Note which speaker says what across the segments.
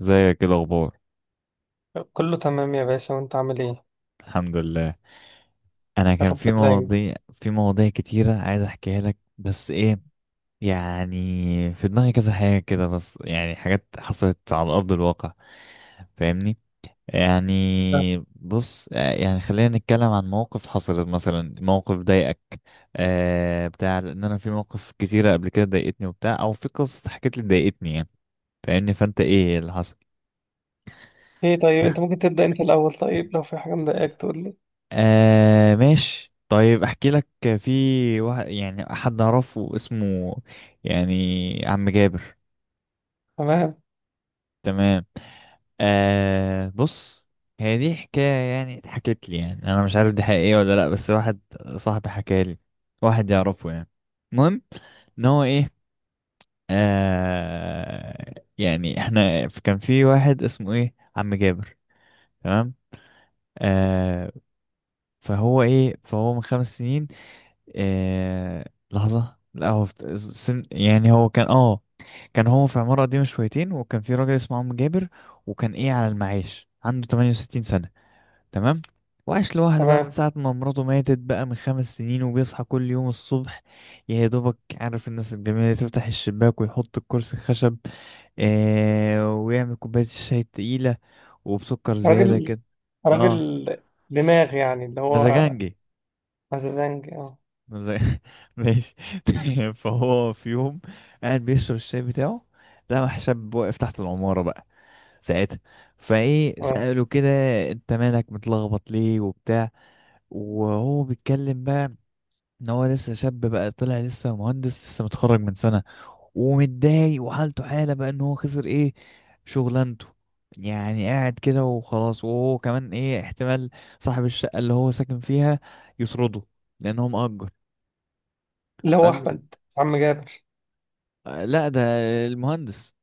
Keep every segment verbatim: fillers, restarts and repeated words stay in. Speaker 1: ازيك؟ ايه الاخبار؟
Speaker 2: كله تمام يا باشا، وانت عامل ايه؟
Speaker 1: الحمد لله. انا
Speaker 2: يا
Speaker 1: كان
Speaker 2: رب
Speaker 1: في
Speaker 2: دايما.
Speaker 1: مواضيع في مواضيع كتيره عايز احكيها لك، بس ايه يعني. في دماغي كذا حاجه كده، بس يعني حاجات حصلت على ارض الواقع، فاهمني؟
Speaker 2: تمام.
Speaker 1: يعني بص آه، يعني خلينا نتكلم عن موقف حصلت مثلا، موقف ضايقك آه بتاع، لان انا في مواقف كتيره قبل كده ضايقتني وبتاع، او في قصه حكيت لي ضايقتني يعني، فاهمني؟ فانت ايه اللي حصل؟
Speaker 2: ايه طيب، انت ممكن تبدأ انت الاول. طيب لو في حاجة مضايقاك تقول لي.
Speaker 1: آه ماشي، طيب احكي لك. في واحد، يعني حد اعرفه اسمه يعني عم جابر.
Speaker 2: تمام.
Speaker 1: تمام. آه بص، هي دي حكاية يعني اتحكت لي، يعني انا مش عارف دي حقيقية ولا لا، بس واحد صاحبي حكى لي، واحد يعرفه يعني. المهم ان هو ايه، آه يعني احنا ف- كان في واحد اسمه ايه عم جابر. تمام آه. فهو ايه، فهو من خمس سنين. إيه لحظة، لا هو في سن، يعني هو كان اه كان هو في عمارة قديمة شويتين، وكان في راجل اسمه عم جابر، وكان ايه على المعاش، عنده ثمانية وستين سنة. تمام. وعاش لوحده بقى من
Speaker 2: تمام.
Speaker 1: ساعة ما مراته ماتت بقى من خمس سنين، وبيصحى كل يوم الصبح يا دوبك، عارف الناس الجميلة اللي تفتح الشباك ويحط الكرسي الخشب، آه، ويعمل كوباية الشاي التقيلة وبسكر زيادة
Speaker 2: راجل
Speaker 1: كده. اه،
Speaker 2: راجل دماغ، يعني اللي هو
Speaker 1: مزاجنجي
Speaker 2: مزازنج، اه.
Speaker 1: زي. ماشي. فهو في يوم قاعد بيشرب الشاي بتاعه، لقى حساب واقف تحت العمارة بقى ساعتها، فايه
Speaker 2: تمام.
Speaker 1: سأله كده، انت مالك متلخبط ليه وبتاع؟ وهو بيتكلم بقى ان هو لسه شاب بقى، طلع لسه مهندس لسه متخرج من سنة، ومتضايق وحالته حالة بقى ان هو خسر ايه شغلانته، يعني قاعد كده وخلاص، وهو كمان ايه احتمال صاحب الشقة اللي هو ساكن فيها يطرده لان هو مأجر.
Speaker 2: اللي هو
Speaker 1: قال له
Speaker 2: احمد عم جابر؟
Speaker 1: لا، ده المهندس.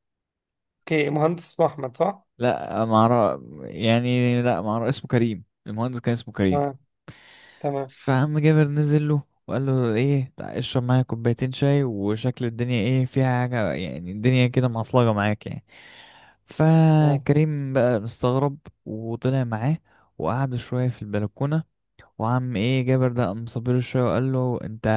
Speaker 2: اوكي مهندس اسمه احمد، صح؟
Speaker 1: لا ما اعرف يعني، لا ما اعرف اسمه، كريم، المهندس كان اسمه كريم.
Speaker 2: تمام. تمام.
Speaker 1: فعم جابر نزل له وقال له ايه، تعال اشرب معايا كوبايتين شاي، وشكل الدنيا ايه فيها حاجة، يعني الدنيا كده معصلجة معاك يعني.
Speaker 2: تمام.
Speaker 1: فكريم بقى مستغرب وطلع معاه، وقعدوا شوية في البلكونة، وعم ايه جابر ده قام صابله شويه وقال له انت،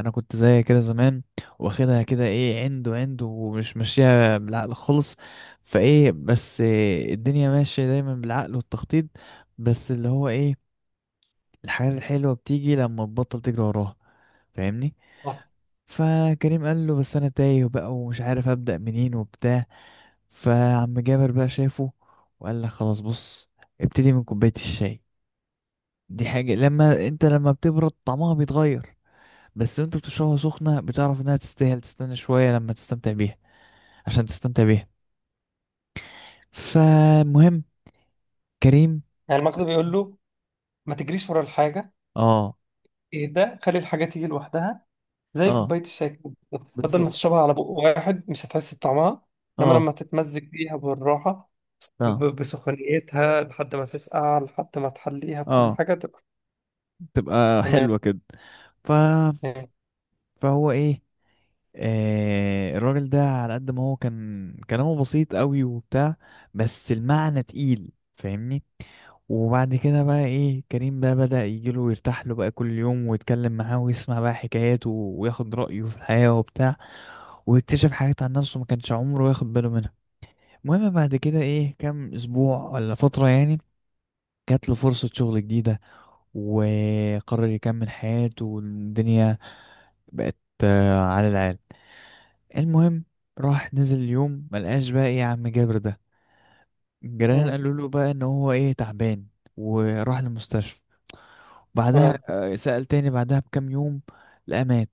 Speaker 1: انا كنت زي كده زمان، واخدها كده ايه عنده عنده، ومش ماشيه بالعقل خالص. فايه بس إيه، الدنيا ماشيه دايما بالعقل والتخطيط، بس اللي هو ايه، الحاجات الحلوه بتيجي لما تبطل تجري وراها، فاهمني؟
Speaker 2: صح.
Speaker 1: فكريم قال له بس انا تايه بقى، ومش عارف ابدا منين وبتاع. فعم جابر بقى شافه وقال لك خلاص بص، ابتدي من كوبايه الشاي، دي حاجه لما انت لما بتبرد طعمها بيتغير، بس وانت بتشربها سخنة بتعرف انها تستاهل تستنى شوية لما تستمتع بيها، عشان تستمتع بيها. فمهم كريم.
Speaker 2: يعني المكتب بيقول له ما تجريش ورا الحاجة.
Speaker 1: اه،
Speaker 2: ايه ده، خلي الحاجة تيجي لوحدها. زي
Speaker 1: اه،
Speaker 2: كوباية الشاي كده بالظبط. بدل ما
Speaker 1: بالظبط،
Speaker 2: تشربها على بق واحد مش هتحس بطعمها. انما
Speaker 1: اه،
Speaker 2: لما تتمزج بيها بالراحة ب-
Speaker 1: اه،
Speaker 2: بسخونيتها، لحد ما تسقع، لحد ما تحليها بكل
Speaker 1: اه،
Speaker 2: حاجة تبقى.
Speaker 1: تبقى
Speaker 2: تمام.
Speaker 1: حلوة كده. ف...
Speaker 2: تمام.
Speaker 1: فهو ايه، آه الراجل ده على قد ما هو كان كلامه بسيط قوي وبتاع، بس المعنى تقيل، فاهمني؟ وبعد كده بقى ايه كريم بقى بدأ يجيله ويرتاح له بقى كل يوم، ويتكلم معاه ويسمع بقى حكاياته، وياخد رأيه في الحياة وبتاع، ويكتشف حاجات عن نفسه ما كانش عمره ياخد باله منها. المهم بعد كده ايه كام اسبوع ولا فترة يعني، جات له فرصة شغل جديدة، وقرر يكمل حياته، والدنيا بقت آه، على العال. المهم راح نزل اليوم ملقاش بقى ايه يا عم جابر ده، الجيران
Speaker 2: مم.
Speaker 1: قالوا له بقى ان هو ايه تعبان وراح المستشفى. بعدها
Speaker 2: تمام.
Speaker 1: آه، سأل تاني بعدها بكام يوم، لقى مات.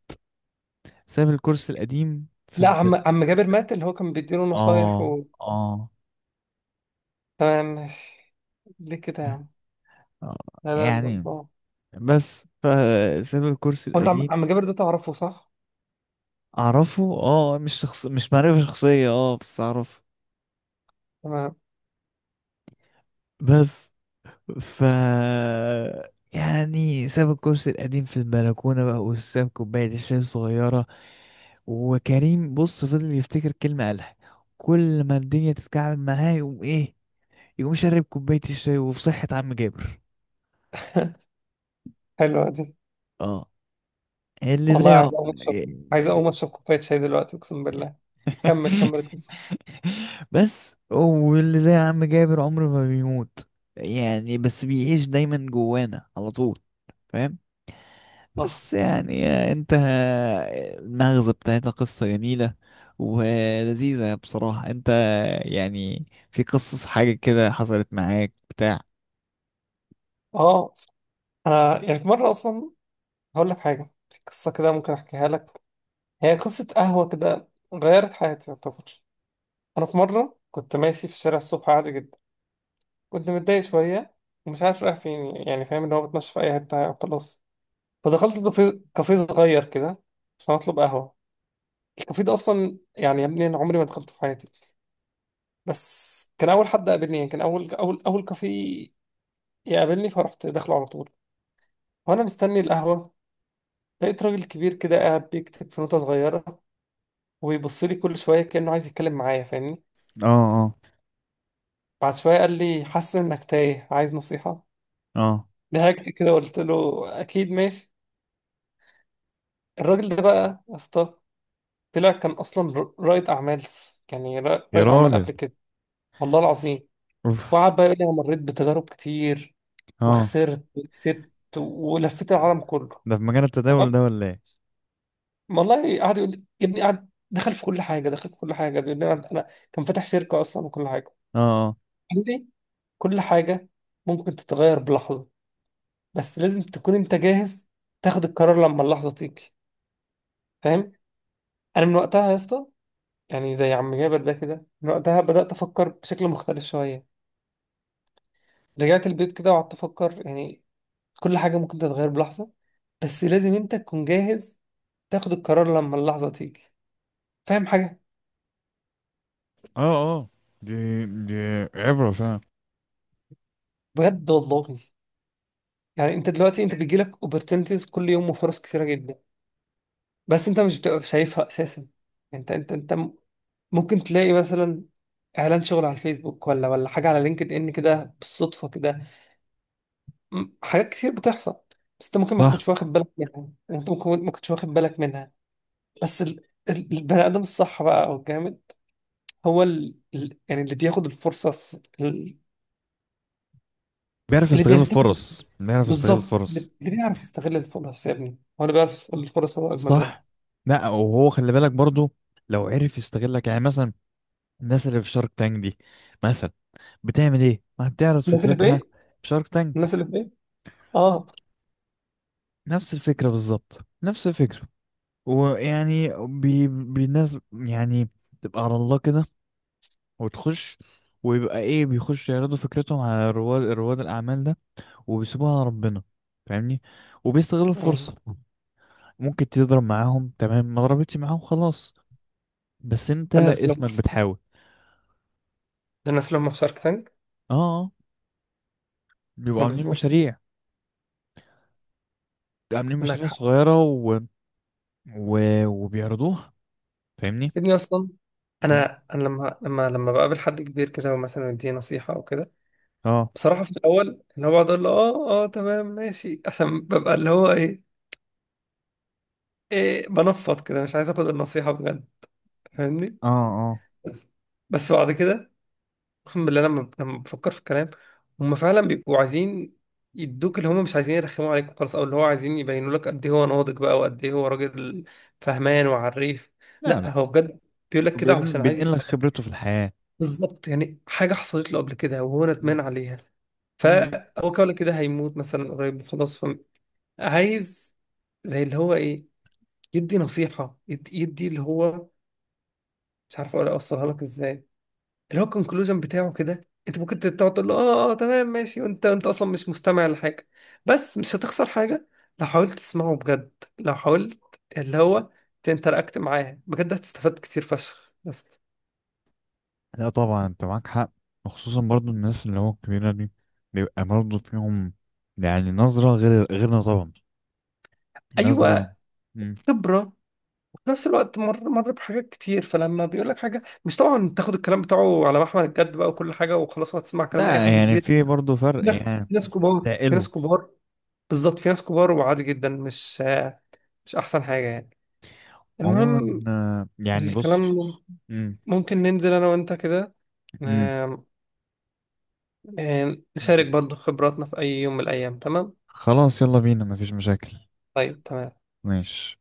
Speaker 1: ساب الكورس القديم في
Speaker 2: لا،
Speaker 1: البلد.
Speaker 2: عم عم جابر مات، اللي هو كان بيديله نصايح
Speaker 1: اه،
Speaker 2: و...
Speaker 1: اه،
Speaker 2: تمام ماشي. ليه كده يا عم؟
Speaker 1: آه،
Speaker 2: لا لا لا،
Speaker 1: يعني
Speaker 2: الله.
Speaker 1: بس، فساب الكورس
Speaker 2: هو انت
Speaker 1: القديم.
Speaker 2: عم عم جابر ده تعرفه، صح؟
Speaker 1: اعرفه اه، مش شخص، مش معرفة شخصية، اه بس اعرفه.
Speaker 2: تمام.
Speaker 1: بس ف يعني ساب الكرسي القديم في البلكونة بقى، وساب كوباية الشاي الصغيرة، وكريم بص فضل يفتكر كلمة قالها، كل ما الدنيا تتكعبل معاه يقوم ايه، يقوم شارب كوباية الشاي وفي صحة عم جابر.
Speaker 2: حلوة دي.
Speaker 1: اه، اللي زي
Speaker 2: والله
Speaker 1: عم...
Speaker 2: عايز اقوم اشرب، عايز اقوم اشرب كوباية شاي دلوقتي اقسم بالله. كمل كمل القصة.
Speaker 1: بس، واللي زي عم جابر عمره ما بيموت، يعني بس بيعيش دايما جوانا على طول، فاهم؟
Speaker 2: اه
Speaker 1: بس يعني انت، المغزى بتاعتها قصة جميلة ولذيذة بصراحة، انت يعني في قصص حاجة كده حصلت معاك بتاع؟
Speaker 2: اه. انا يعني في مرة اصلا هقول لك حاجة، في قصة كده ممكن احكيها لك. هي قصة قهوة كده غيرت حياتي يعتبر. انا في مره كنت ماشي في الشارع الصبح عادي جدا، كنت متضايق شويه ومش عارف رايح فين، يعني فاهم ان هو بتمشى في اي حته خلاص. فدخلت كافيه، كافيه صغير كده عشان اطلب قهوه. الكافيه ده اصلا يعني يا ابني انا عمري ما دخلته في حياتي اصلا، بس كان اول حد قابلني، يعني كان اول اول اول كافيه يقابلني، فرحت داخله على طول. وانا مستني القهوه لقيت راجل كبير كده قاعد بيكتب في نوتة صغيرة، وبيبص لي كل شوية كأنه عايز يتكلم معايا، فاهمني.
Speaker 1: اه، اه،
Speaker 2: بعد شوية قال لي حاسس إنك تايه، عايز نصيحة؟
Speaker 1: اه،
Speaker 2: ضحكت كده وقلت له اكيد ماشي. الراجل ده بقى يا اسطى طلع كان اصلا ر- رائد اعمال، يعني ر-
Speaker 1: يا
Speaker 2: رائد اعمال
Speaker 1: راجل،
Speaker 2: قبل كده. والله العظيم.
Speaker 1: اوف،
Speaker 2: وقعد بقى يقول لي انا مريت بتجارب كتير،
Speaker 1: اه،
Speaker 2: وخسرت وكسبت ولفيت العالم كله.
Speaker 1: ده في مجال
Speaker 2: تمام.
Speaker 1: التداول ده ولا ايه؟
Speaker 2: والله قعد يقول لي يا ابني، قعد دخل في كل حاجه، دخل في كل حاجه بيقول لي انا، أنا كان فاتح شركه اصلا وكل حاجه.
Speaker 1: اه،
Speaker 2: قال لي كل حاجه ممكن تتغير بلحظه، بس لازم تكون انت جاهز تاخد القرار لما اللحظه تيجي، فاهم. انا من وقتها يا اسطى، يعني زي عم جابر ده كده، من وقتها بدأت أفكر بشكل مختلف شوية. رجعت البيت كده وقعدت أفكر، يعني كل حاجة ممكن تتغير بلحظة، بس لازم أنت تكون جاهز تاخد القرار لما اللحظة تيجي، فاهم حاجة؟
Speaker 1: اه، اه، دي دي عبرة فعلا.
Speaker 2: بجد والله. يعني أنت دلوقتي أنت بيجيلك opportunities كل يوم، وفرص كتيرة جدا بس أنت مش بتبقى شايفها أساسا. أنت أنت أنت م- ممكن تلاقي مثلا إعلان شغل على الفيسبوك، ولا ولا حاجة على لينكد إن كده بالصدفة كده. م- حاجات كتير بتحصل بس انت ممكن ما
Speaker 1: صح،
Speaker 2: تكونش واخد بالك منها. يعني انت ممكن ما تكونش واخد بالك منها. بس ال... ال- البني ادم الصح بقى او الجامد، هو ال... ال... يعني اللي بياخد الفرصه الص- ال...
Speaker 1: بيعرف
Speaker 2: اللي
Speaker 1: يستغل
Speaker 2: بينتهز
Speaker 1: الفرص،
Speaker 2: الفرصة.
Speaker 1: بيعرف يستغل
Speaker 2: بالظبط،
Speaker 1: الفرص.
Speaker 2: اللي اللي بيعرف يستغل الفرص يا ابني هو اللي بيعرف يستغل الفرص، هو اجمد واحد.
Speaker 1: صح، لا وهو خلي بالك برضو، لو عرف يستغلك يعني مثلا الناس اللي في شارك تانك دي مثلا بتعمل ايه، ما بتعرض
Speaker 2: الناس اللي في ايه؟
Speaker 1: فكرتها؟ في شارك
Speaker 2: الناس
Speaker 1: تانك،
Speaker 2: اللي في ايه؟ اه.
Speaker 1: نفس الفكرة بالظبط، نفس الفكرة، ويعني بي... بالناس يعني، تبقى على الله كده وتخش، ويبقى ايه بيخش يعرضوا فكرتهم على رواد رواد الاعمال ده، وبيسيبوها على ربنا، فاهمني؟ وبيستغل
Speaker 2: مم.
Speaker 1: الفرصة، ممكن تضرب معاهم تمام، ما ضربتش معاهم خلاص، بس انت
Speaker 2: ده الناس اللي
Speaker 1: اسمك بتحاول.
Speaker 2: ده الناس اللي هم في شارك تانك.
Speaker 1: اه، آه، بيبقوا
Speaker 2: ما
Speaker 1: عاملين
Speaker 2: بالظبط.
Speaker 1: مشاريع، عاملين
Speaker 2: عندك
Speaker 1: مشاريع
Speaker 2: حق.
Speaker 1: صغيرة و... و... وبيعرضوها، فاهمني؟
Speaker 2: يا ابني اصلا
Speaker 1: مم،
Speaker 2: انا، انا لما لما لما بقابل حد كبير كده مثلا يديني نصيحه او كده،
Speaker 1: اه،
Speaker 2: بصراحة في الأول اللي هو بقعد أقول له آه آه تمام ماشي، عشان ببقى اللي هو إيه، إيه بنفض كده مش عايز آخد النصيحة بجد، فاهمني.
Speaker 1: اه، اه،
Speaker 2: بس بعد كده أقسم بالله لما لما بفكر في الكلام، هم فعلا بيبقوا عايزين يدوك، اللي هم مش عايزين يرخموا عليك خالص، أو اللي هو عايزين يبينوا لك قد إيه هو ناضج بقى، وقد إيه هو راجل فهمان وعريف.
Speaker 1: لا،
Speaker 2: لا
Speaker 1: لا،
Speaker 2: هو بجد بيقول لك كده
Speaker 1: بين...
Speaker 2: علشان عايز
Speaker 1: بينقل لك
Speaker 2: يساعدك.
Speaker 1: خبرته في الحياة.
Speaker 2: بالظبط، يعني حاجة حصلت له قبل كده وهو
Speaker 1: مم.
Speaker 2: ندمان عليها،
Speaker 1: مم.
Speaker 2: فهو كده ولا كده هيموت مثلا قريب خلاص، عايز زي اللي هو ايه يدي نصيحة، يد- يدي اللي هو مش عارف اقول اوصلها لك ازاي، اللي هو الكونكلوجن بتاعه كده. انت ممكن تقعد تقول له اه اه تمام ماشي وانت انت اصلا مش مستمع لحاجة، بس مش هتخسر حاجة لو حاولت تسمعه بجد. لو حاولت اللي هو تنتراكت معاه بجد هتستفاد كتير فشخ. بس
Speaker 1: لا طبعا انت معاك حق، وخصوصا برضو الناس اللي هو الكبيرة دي، بيبقى برضو فيهم يعني نظرة غير غيرنا طبعا، نظرة.
Speaker 2: ايوه،
Speaker 1: مم.
Speaker 2: خبرة، وفي نفس الوقت مر مر بحاجات كتير، فلما بيقول لك حاجة مش طبعا تاخد الكلام بتاعه على محمل الجد بقى، وكل حاجة وخلاص وهتسمع كلام اي
Speaker 1: لا
Speaker 2: حد
Speaker 1: يعني
Speaker 2: كبير.
Speaker 1: في برضه فرق
Speaker 2: ناس
Speaker 1: يعني،
Speaker 2: ناس كبار في ناس
Speaker 1: تقله.
Speaker 2: كبار. بالظبط، في ناس كبار وعادي جدا، مش مش احسن حاجة يعني.
Speaker 1: عموما
Speaker 2: المهم
Speaker 1: آه، يعني بص.
Speaker 2: الكلام،
Speaker 1: مم.
Speaker 2: ممكن ننزل انا وانت كده،
Speaker 1: مم.
Speaker 2: آم، آم، نشارك برضو خبراتنا في اي يوم من الايام، تمام؟
Speaker 1: خلاص يلا بينا، مفيش مشاكل.
Speaker 2: طيب تمام.
Speaker 1: ماشي.